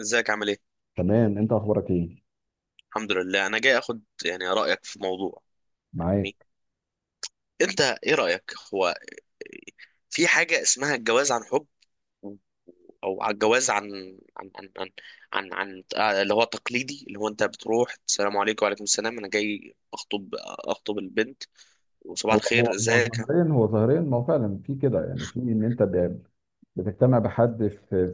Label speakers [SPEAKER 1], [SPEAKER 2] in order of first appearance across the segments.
[SPEAKER 1] ازيك عامل ايه؟
[SPEAKER 2] تمام. انت اخبارك ايه؟
[SPEAKER 1] الحمد لله، انا جاي اخد يعني رايك في موضوع. يعني
[SPEAKER 2] معاك.
[SPEAKER 1] انت ايه رايك؟ هو في حاجه اسمها الجواز عن حب، و- او على الجواز عن اللي هو تقليدي، اللي هو انت بتروح السلام عليكم وعليكم السلام، انا جاي اخطب البنت وصباح
[SPEAKER 2] هو هو
[SPEAKER 1] الخير
[SPEAKER 2] هو
[SPEAKER 1] ازيك.
[SPEAKER 2] ظاهريا، ما هو فعلا في كده، يعني في ان انت بتجتمع بحد في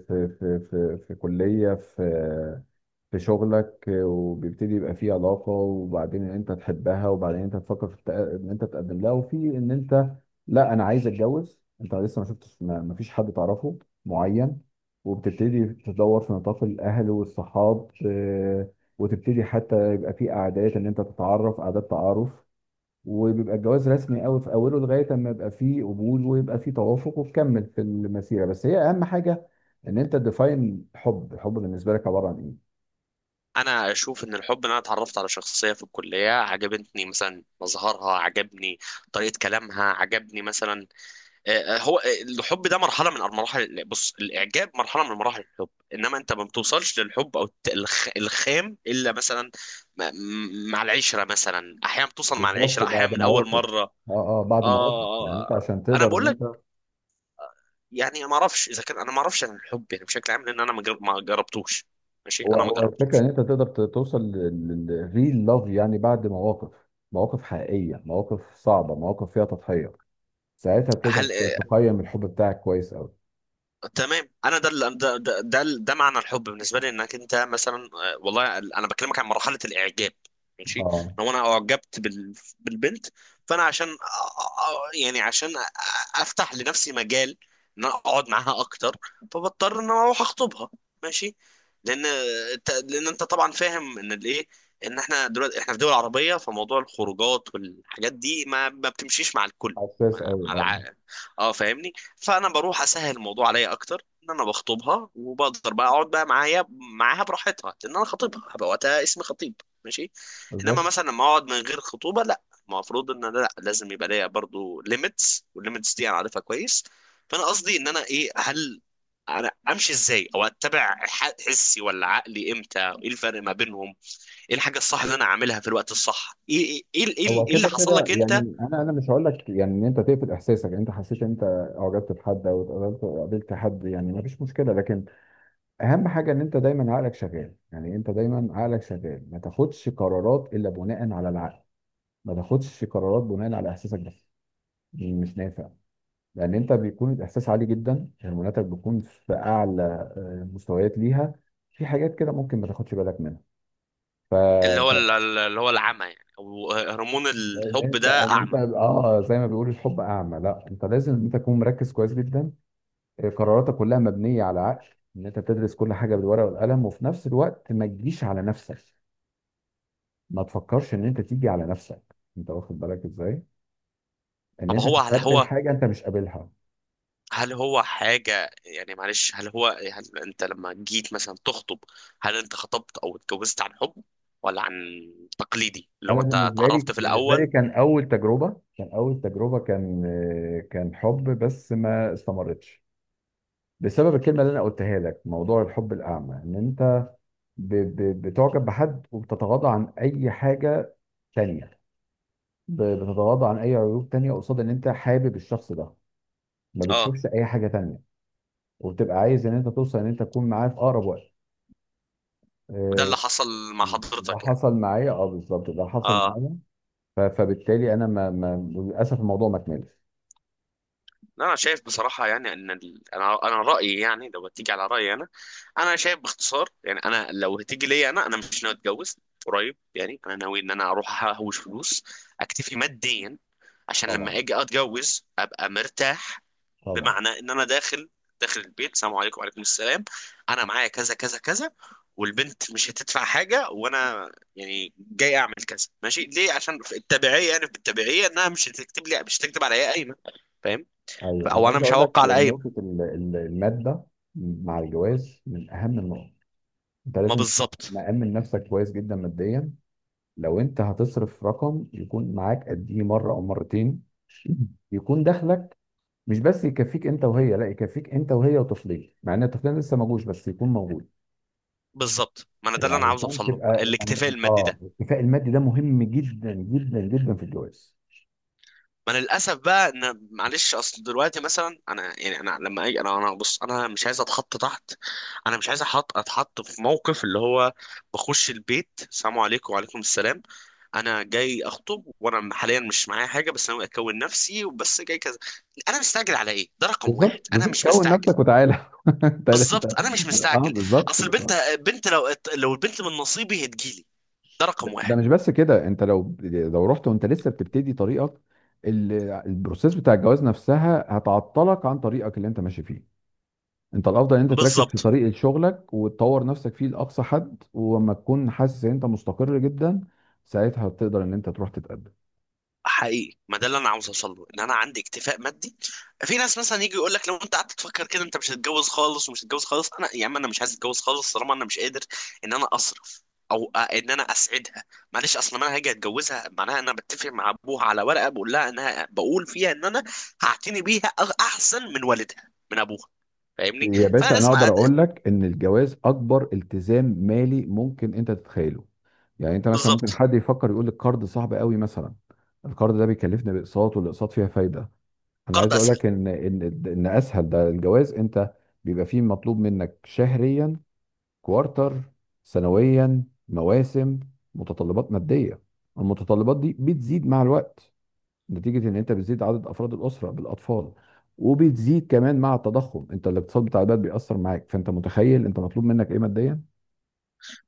[SPEAKER 2] كليه، في شغلك، وبيبتدي يبقى في علاقه، وبعدين ان انت تحبها، وبعدين انت تفكر في ان انت تقدم لها، وفي ان انت لا، انا عايز اتجوز، انت لسه ما شفتش، ما فيش حد تعرفه معين، وبتبتدي تدور في نطاق الاهل والصحاب، وتبتدي حتى يبقى في قعدات ان انت تتعرف، قعدات تعارف، وبيبقى الجواز رسمي قوي في اوله لغايه اما يبقى فيه قبول ويبقى فيه توافق وتكمل في المسيره، بس هي اهم حاجه ان انت تديفاين الحب بالنسبه لك عباره عن ايه؟
[SPEAKER 1] انا اشوف ان الحب ان انا اتعرفت على شخصيه في الكليه عجبتني، مثلا مظهرها عجبني، طريقه كلامها عجبني مثلا. آه، آه، هو آه، الحب ده مرحله من المراحل. بص، الاعجاب مرحله من مراحل الحب، انما انت ما بتوصلش للحب او الخام الا مثلا مع العشره، مثلا احيانا بتوصل مع
[SPEAKER 2] بالظبط،
[SPEAKER 1] العشره، احيانا
[SPEAKER 2] بعد
[SPEAKER 1] من اول
[SPEAKER 2] مواقف.
[SPEAKER 1] مره.
[SPEAKER 2] اه. اه، بعد مواقف، يعني انت
[SPEAKER 1] اه،
[SPEAKER 2] عشان
[SPEAKER 1] انا
[SPEAKER 2] تقدر
[SPEAKER 1] بقول
[SPEAKER 2] ان
[SPEAKER 1] لك
[SPEAKER 2] انت.
[SPEAKER 1] يعني ما اعرفش اذا كان انا ما اعرفش عن الحب يعني بشكل عام، لان انا ما جربتوش، ماشي،
[SPEAKER 2] هو
[SPEAKER 1] انا ما
[SPEAKER 2] هو الفكره
[SPEAKER 1] جربتوش.
[SPEAKER 2] ان انت تقدر توصل للريل لاف يعني بعد مواقف، مواقف حقيقيه، مواقف صعبه، مواقف فيها تضحيه، ساعتها بتقدر
[SPEAKER 1] هل؟
[SPEAKER 2] تقيم الحب بتاعك كويس قوي.
[SPEAKER 1] تمام، انا ده اللي- ده ده ده, ده معنى الحب بالنسبه لي. انك انت مثلا، والله انا بكلمك عن مرحله الاعجاب، ماشي.
[SPEAKER 2] اه.
[SPEAKER 1] لو انا اعجبت بالبنت، فانا عشان يعني عشان افتح لنفسي مجال ان انا اقعد معاها اكتر، فبضطر ان انا اروح اخطبها، ماشي. لان لان انت طبعا فاهم ان الايه، ان احنا دلوقتي احنا في دول عربيه، فموضوع الخروجات والحاجات دي ما بتمشيش مع الكل،
[SPEAKER 2] حساس
[SPEAKER 1] مع
[SPEAKER 2] قوي، اه.
[SPEAKER 1] الع... اه فاهمني. فانا بروح اسهل الموضوع عليا اكتر، ان انا بخطبها وبقدر بقى اقعد بقى معايا، معاها براحتها، لان انا خطيبها هبقى، وقتها اسمي خطيب، ماشي. انما
[SPEAKER 2] بالظبط.
[SPEAKER 1] مثلا لما اقعد من غير خطوبه لا، المفروض ان انا لا لازم يبقى ليا برضو ليميتس، والليميتس دي انا عارفها كويس. فانا قصدي ان انا ايه، هل انا امشي ازاي؟ او اتبع حسي ولا عقلي؟ امتى؟ ايه الفرق ما بينهم؟ ايه الحاجه الصح اللي انا اعملها في الوقت الصح؟ ايه ايه ايه, إيه
[SPEAKER 2] هو
[SPEAKER 1] إيه اللي
[SPEAKER 2] كده
[SPEAKER 1] حصل
[SPEAKER 2] كده،
[SPEAKER 1] لك انت؟
[SPEAKER 2] يعني انا مش هقول لك يعني ان انت تقفل احساسك، يعني انت حسيت ان انت اعجبت بحد، او قابلت حد، يعني ما فيش مشكله، لكن اهم حاجه ان انت دايما عقلك شغال، يعني انت دايما عقلك شغال، ما تاخدش قرارات الا بناء على العقل، ما تاخدش قرارات بناء على احساسك بس، مش نافع، لان انت بيكون الاحساس عالي جدا، هرموناتك بتكون في اعلى مستويات ليها، في حاجات كده ممكن ما تاخدش بالك منها. ف...
[SPEAKER 1] اللي هو اللي هو العمى، يعني او هرمون
[SPEAKER 2] لان
[SPEAKER 1] الحب
[SPEAKER 2] انت
[SPEAKER 1] ده
[SPEAKER 2] إن انت
[SPEAKER 1] اعمى.
[SPEAKER 2] اه زي ما بيقولوا الحب اعمى، لا، انت لازم ان انت تكون مركز كويس جدا، قراراتك كلها مبنيه على عقل، ان انت بتدرس كل حاجه بالورقه والقلم، وفي نفس الوقت ما تجيش على نفسك، ما تفكرش ان انت تيجي على نفسك، انت واخد بالك ازاي ان
[SPEAKER 1] طب
[SPEAKER 2] انت
[SPEAKER 1] هو هل
[SPEAKER 2] تتقبل
[SPEAKER 1] هو
[SPEAKER 2] حاجه انت مش قابلها.
[SPEAKER 1] هل هو حاجة يعني معلش هل هو، هل انت لما جيت مثلا تخطب، هل انت خطبت او اتجوزت عن حب، ولا عن تقليدي اللي هو
[SPEAKER 2] انا
[SPEAKER 1] انت
[SPEAKER 2] بالنسبه لي
[SPEAKER 1] اتعرفت في
[SPEAKER 2] بالنسبه لي
[SPEAKER 1] الاول؟
[SPEAKER 2] كان اول تجربه، كان حب، بس ما استمرتش بسبب الكلمه اللي انا قلتها لك، موضوع الحب الاعمى، ان انت بتعجب بحد، وبتتغاضى عن اي حاجه تانية، بتتغاضى عن اي عيوب تانية قصاد ان انت حابب الشخص ده، ما
[SPEAKER 1] اه.
[SPEAKER 2] بتشوفش اي حاجه تانية، وبتبقى عايز ان انت توصل، ان انت تكون معاه في اقرب وقت.
[SPEAKER 1] وده
[SPEAKER 2] آه،
[SPEAKER 1] اللي حصل مع
[SPEAKER 2] ده
[SPEAKER 1] حضرتك يعني؟
[SPEAKER 2] حصل معايا، اه بالظبط، ده حصل
[SPEAKER 1] اه.
[SPEAKER 2] معايا. فبالتالي انا، ما ما للاسف الموضوع ما كملش.
[SPEAKER 1] لا، انا شايف بصراحه يعني ان ال... انا انا رايي يعني، لو هتيجي على رايي انا، انا شايف باختصار يعني، انا لو هتيجي ليا انا، انا مش ناوي اتجوز قريب. يعني انا ناوي ان انا اروح اهوش فلوس، اكتفي ماديا، عشان لما
[SPEAKER 2] طبعا،
[SPEAKER 1] اجي اتجوز ابقى مرتاح.
[SPEAKER 2] طبعا.
[SPEAKER 1] بمعنى ان انا داخل البيت، السلام عليكم وعليكم السلام، انا معايا كذا كذا كذا، والبنت مش هتدفع حاجه، وانا يعني جاي اعمل كذا ماشي، ليه؟ عشان في التبعيه، يعني في التبعيه انها مش هتكتب لي، مش هتكتب عليا قايمه، فاهم؟
[SPEAKER 2] ايوه، انا
[SPEAKER 1] او انا
[SPEAKER 2] عايز
[SPEAKER 1] مش
[SPEAKER 2] اقول لك
[SPEAKER 1] هوقع على اي.
[SPEAKER 2] نقطه الماده مع الجواز من اهم النقط، انت
[SPEAKER 1] ما
[SPEAKER 2] لازم تكون
[SPEAKER 1] بالظبط.
[SPEAKER 2] مأمن نفسك كويس جدا ماديا، لو انت هتصرف رقم يكون معاك قديه مره او مرتين، يكون دخلك مش بس يكفيك انت وهي، لا، يكفيك انت وهي وطفلين، مع ان الطفلين لسه ما جوش، بس يكون موجود
[SPEAKER 1] بالظبط، ما انا ده اللي انا عاوز
[SPEAKER 2] علشان
[SPEAKER 1] اوصل له،
[SPEAKER 2] تبقى، يعني
[SPEAKER 1] الاكتفاء المادي ده.
[SPEAKER 2] الاكتفاء المادي ده مهم جدا جدا جدا في الجواز.
[SPEAKER 1] ما انا للاسف بقى ان معلش، اصل دلوقتي مثلا انا يعني انا لما اجي انا، انا بص، انا مش عايز اتحط تحت، انا مش عايز اتحط في موقف اللي هو بخش البيت، السلام عليكم وعليكم السلام، انا جاي اخطب وانا حاليا مش معايا حاجه، بس انا اكون نفسي وبس جاي كذا، انا مستعجل على ايه؟ ده رقم واحد،
[SPEAKER 2] بالظبط،
[SPEAKER 1] انا
[SPEAKER 2] بالظبط،
[SPEAKER 1] مش
[SPEAKER 2] كون
[SPEAKER 1] مستعجل.
[SPEAKER 2] نفسك وتعالى. انت،
[SPEAKER 1] بالظبط، انا مش
[SPEAKER 2] اه،
[SPEAKER 1] مستعجل.
[SPEAKER 2] بالظبط،
[SPEAKER 1] اصل البنت،
[SPEAKER 2] بالظبط.
[SPEAKER 1] بنت، لو البنت من نصيبي هتجيلي، ده رقم
[SPEAKER 2] ده
[SPEAKER 1] واحد.
[SPEAKER 2] مش بس كده، انت لو رحت وانت لسه بتبتدي طريقك، ال- البروسيس بتاع الجواز نفسها هتعطلك عن طريقك اللي انت ماشي فيه، انت الافضل ان انت تركز في
[SPEAKER 1] بالظبط.
[SPEAKER 2] طريقة شغلك وتطور نفسك فيه لاقصى حد، ولما تكون حاسس ان انت مستقر جدا، ساعتها تقدر ان انت تروح تتقدم.
[SPEAKER 1] حقيقي، ما ده اللي انا عاوز اوصل له، ان انا عندي اكتفاء مادي. في ناس مثلا يجي يقول لك لو انت قعدت تفكر كده انت مش هتتجوز خالص، ومش هتتجوز خالص. انا يا عم انا مش عايز اتجوز خالص طالما انا مش قادر ان انا اصرف، او ان انا اسعدها. معلش، اصلا ما انا هاجي اتجوزها معناها انا بتفق مع ابوها على ورقه بقول لها، انها بقول فيها ان انا هعتني بيها احسن من والدها، من ابوها، فاهمني؟
[SPEAKER 2] يا
[SPEAKER 1] فانا
[SPEAKER 2] باشا، انا
[SPEAKER 1] لازم
[SPEAKER 2] اقدر
[SPEAKER 1] أد...
[SPEAKER 2] اقول لك ان الجواز اكبر التزام مالي ممكن انت تتخيله، يعني انت مثلا ممكن
[SPEAKER 1] بالظبط.
[SPEAKER 2] حد يفكر يقول لك قرض صعب قوي مثلا، القرض ده بيكلفني باقساط والاقساط فيها فايدة، انا عايز اقول
[SPEAKER 1] قرض.
[SPEAKER 2] لك ان اسهل ده الجواز، انت بيبقى فيه مطلوب منك شهريا، كوارتر، سنويا، مواسم، متطلبات ماديه، المتطلبات دي بتزيد مع الوقت نتيجه ان انت بتزيد عدد افراد الاسره بالاطفال، وبتزيد كمان مع التضخم، انت الاقتصاد بتاع البلد بيأثر معاك، فانت متخيل انت مطلوب منك ايه ماديا.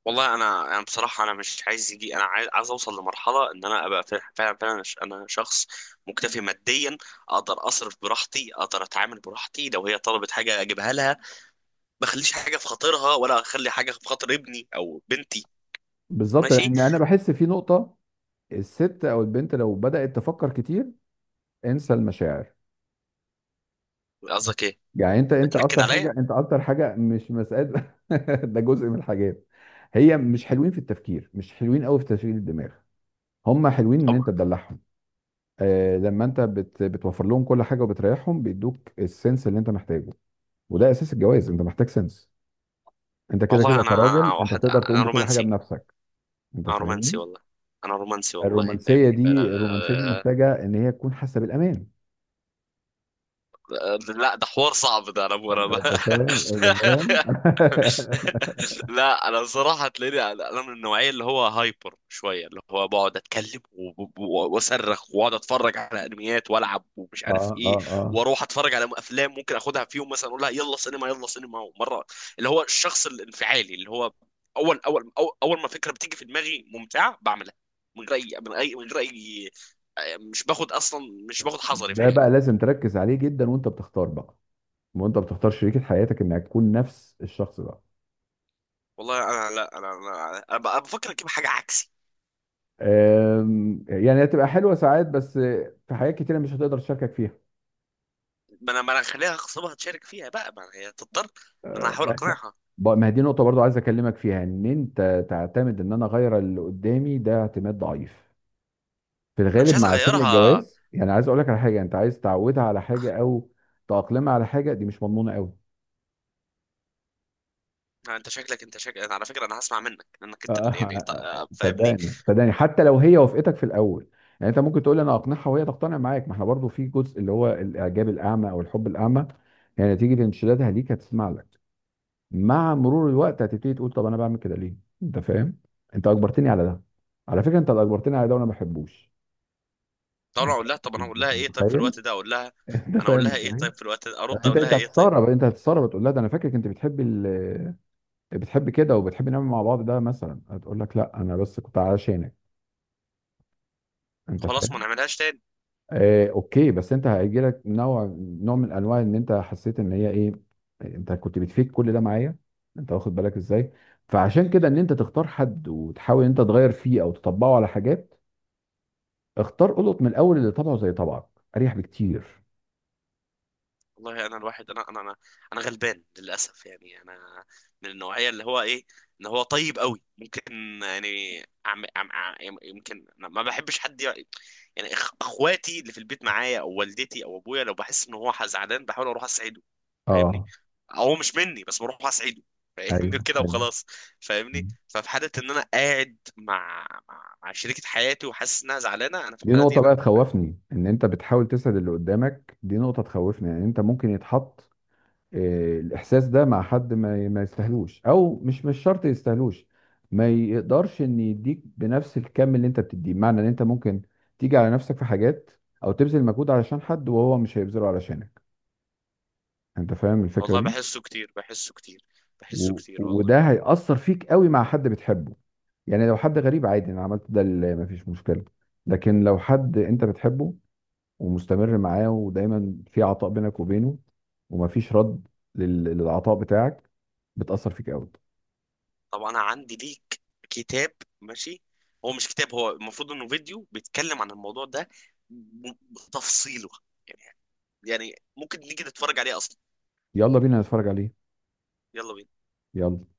[SPEAKER 1] والله انا، انا بصراحه انا مش عايز يجي، انا عايز اوصل لمرحله ان انا ابقى فعلا فعلا انا شخص مكتفي ماديا، اقدر اصرف براحتي، اقدر اتعامل براحتي، لو هي طلبت حاجه اجيبها لها، ما اخليش حاجه في خاطرها، ولا اخلي حاجه في خاطر ابني او بنتي.
[SPEAKER 2] بالظبط،
[SPEAKER 1] ماشي.
[SPEAKER 2] لان انا بحس في نقطه، الست او البنت لو بدأت تفكر كتير انسى المشاعر.
[SPEAKER 1] قصدك ايه؟
[SPEAKER 2] يعني انت
[SPEAKER 1] بتنكد
[SPEAKER 2] اكتر
[SPEAKER 1] عليا.
[SPEAKER 2] حاجه، مش مسألة. ده جزء من الحاجات، هي مش حلوين في التفكير، مش حلوين قوي في تشغيل الدماغ، هم حلوين ان
[SPEAKER 1] أم-
[SPEAKER 2] انت تدلعهم، آه، لما انت بتوفر لهم كل حاجه وبتريحهم بيدوك السنس اللي انت محتاجه، وده اساس الجواز، انت محتاج سنس، انت كده
[SPEAKER 1] والله
[SPEAKER 2] كده
[SPEAKER 1] انا، انا
[SPEAKER 2] كراجل، انت
[SPEAKER 1] واحد
[SPEAKER 2] بتقدر تقوم
[SPEAKER 1] انا
[SPEAKER 2] بكل حاجه
[SPEAKER 1] رومانسي.
[SPEAKER 2] بنفسك. انت
[SPEAKER 1] انا رومانسي
[SPEAKER 2] فاهمني.
[SPEAKER 1] والله. انا رومانسي والله،
[SPEAKER 2] الرومانسيه
[SPEAKER 1] فاهمني؟ فلا،
[SPEAKER 2] دي الرومانسيه دي محتاجه ان هي تكون حاسه بالامان.
[SPEAKER 1] لا ده حوار صعب ده، انا
[SPEAKER 2] انت انت فاهم، انت فاهم.
[SPEAKER 1] لا، انا الصراحه تلاقيني انا من النوعيه اللي هو هايبر شويه، اللي هو بقعد اتكلم واصرخ، واقعد اتفرج على انميات والعب ومش
[SPEAKER 2] اه،
[SPEAKER 1] عارف
[SPEAKER 2] اه،
[SPEAKER 1] ايه،
[SPEAKER 2] اه.
[SPEAKER 1] واروح اتفرج على افلام، ممكن اخدها في يوم مثلا اقول لها يلا سينما يلا سينما. ومره، اللي هو الشخص الانفعالي اللي هو، اول اول ما فكره بتيجي في دماغي ممتعه بعملها، من غير اي، من اي، من غير اي، مش باخد اصلا، مش باخد حذري في
[SPEAKER 2] ده
[SPEAKER 1] حاجه.
[SPEAKER 2] بقى لازم تركز عليه جدا وانت بتختار بقى، وانت بتختار شريكة حياتك انها تكون نفس الشخص ده.
[SPEAKER 1] والله انا، لا انا بفكر اجيب حاجه عكسي.
[SPEAKER 2] أم، يعني هتبقى حلوه ساعات بس، في حاجات كتيره مش هتقدر تشاركك فيها.
[SPEAKER 1] ما انا، ما انا هخليها اغصبها تشارك فيها بقى، ما هي تضطر، ان انا
[SPEAKER 2] أه،
[SPEAKER 1] احاول اقنعها.
[SPEAKER 2] ما هي دي نقطه برضو عايز اكلمك فيها، ان انت تعتمد ان انا اغير اللي قدامي ده اعتماد ضعيف في
[SPEAKER 1] انا مش
[SPEAKER 2] الغالب
[SPEAKER 1] عايز
[SPEAKER 2] مع سن
[SPEAKER 1] اغيرها.
[SPEAKER 2] الجواز، يعني عايز اقول لك على حاجه، انت عايز تعودها على حاجه، او تأقلمها على حاجه، دي مش مضمونه قوي.
[SPEAKER 1] انت شكلك، أنا على فكره انا هسمع منك، يعني انت،
[SPEAKER 2] أه،
[SPEAKER 1] فاهمني.
[SPEAKER 2] صدقني، صدقني، حتى لو هي وافقتك في الاول، يعني انت ممكن تقول انا اقنعها وهي تقتنع معاك، ما احنا برضو في جزء، اللي هو الاعجاب الاعمى او الحب الاعمى، يعني نتيجه انشدادها ليك هتسمع لك، مع مرور الوقت هتبتدي تقول طب انا بعمل كده ليه؟ انت فاهم؟ انت اجبرتني على ده، على فكره انت اللي اجبرتني على ده وانا ما بحبوش.
[SPEAKER 1] طب انا
[SPEAKER 2] انت
[SPEAKER 1] اقول لها، طب انا اقول لها
[SPEAKER 2] أنت
[SPEAKER 1] ايه طيب في
[SPEAKER 2] متخيل؟
[SPEAKER 1] الوقت ده، اقول لها،
[SPEAKER 2] انت
[SPEAKER 1] انا اقول
[SPEAKER 2] فاهم
[SPEAKER 1] لها ايه
[SPEAKER 2] ازاي؟
[SPEAKER 1] طيب في الوقت ده،
[SPEAKER 2] يعني
[SPEAKER 1] ارد
[SPEAKER 2] انت
[SPEAKER 1] اقول لها
[SPEAKER 2] انت
[SPEAKER 1] ايه طيب؟
[SPEAKER 2] هتستغرب تقول لها ده انا فاكرك انت بتحبي بتحبي كده وبتحبي نعمل مع بعض ده مثلا، هتقول لك لا انا بس كنت علشانك. انت
[SPEAKER 1] خلاص ما
[SPEAKER 2] فاهم؟
[SPEAKER 1] نعملهاش تاني.
[SPEAKER 2] آه، اوكي، بس انت هيجيلك نوع من انواع ان انت حسيت ان هي ايه؟ انت كنت بتفيد كل ده معايا. انت واخد بالك ازاي؟ فعشان كده ان انت تختار حد وتحاول ان انت تغير فيه او تطبقه على حاجات، اختار قلط من الاول اللي طبعه زي طبعك، اريح بكتير.
[SPEAKER 1] والله انا الواحد، انا انا غلبان للاسف، يعني انا من النوعيه اللي هو ايه، ان هو طيب قوي ممكن، يعني عم عم عم يمكن أنا ما بحبش حد يعني اخواتي اللي في البيت معايا، او والدتي او ابويا، لو بحس ان هو زعلان، بحاول اروح اسعده، فاهمني؟
[SPEAKER 2] اه،
[SPEAKER 1] هو مش مني، بس بروح اسعده،
[SPEAKER 2] ايوه،
[SPEAKER 1] فاهمني كده
[SPEAKER 2] ايوه.
[SPEAKER 1] وخلاص، فاهمني؟ ففي حاله ان انا قاعد مع شريكه حياتي وحاسس انها زعلانه، انا في
[SPEAKER 2] دي
[SPEAKER 1] الحاله دي
[SPEAKER 2] نقطة بقى
[SPEAKER 1] انا.
[SPEAKER 2] تخوفني، ان انت بتحاول تسعد اللي قدامك، دي نقطة تخوفني، يعني انت ممكن يتحط الاحساس ده مع حد ما يستاهلوش، او مش شرط يستاهلوش، ما يقدرش ان يديك بنفس الكم اللي انت بتديه، بمعنى ان انت ممكن تيجي على نفسك في حاجات، او تبذل مجهود علشان حد وهو مش هيبذله علشانك، انت فاهم الفكرة
[SPEAKER 1] والله
[SPEAKER 2] دي؟
[SPEAKER 1] بحسه كتير، بحسه كتير، بحسه كتير والله.
[SPEAKER 2] وده هيأثر فيك قوي مع حد بتحبه، يعني لو حد غريب عادي انا عملت ده اللي مفيش مشكلة، لكن لو حد انت بتحبه ومستمر معاه ودايما في عطاء بينك وبينه، ومفيش رد للعطاء بتاعك، بتأثر فيك قوي.
[SPEAKER 1] طب انا عندي ليك كتاب، ماشي؟ هو مش كتاب، هو المفروض انه فيديو بيتكلم عن الموضوع ده بتفصيله، يعني. يعني ممكن نيجي نتفرج عليه اصلا.
[SPEAKER 2] يلا بينا نتفرج عليه.
[SPEAKER 1] يلا بينا.
[SPEAKER 2] يلا.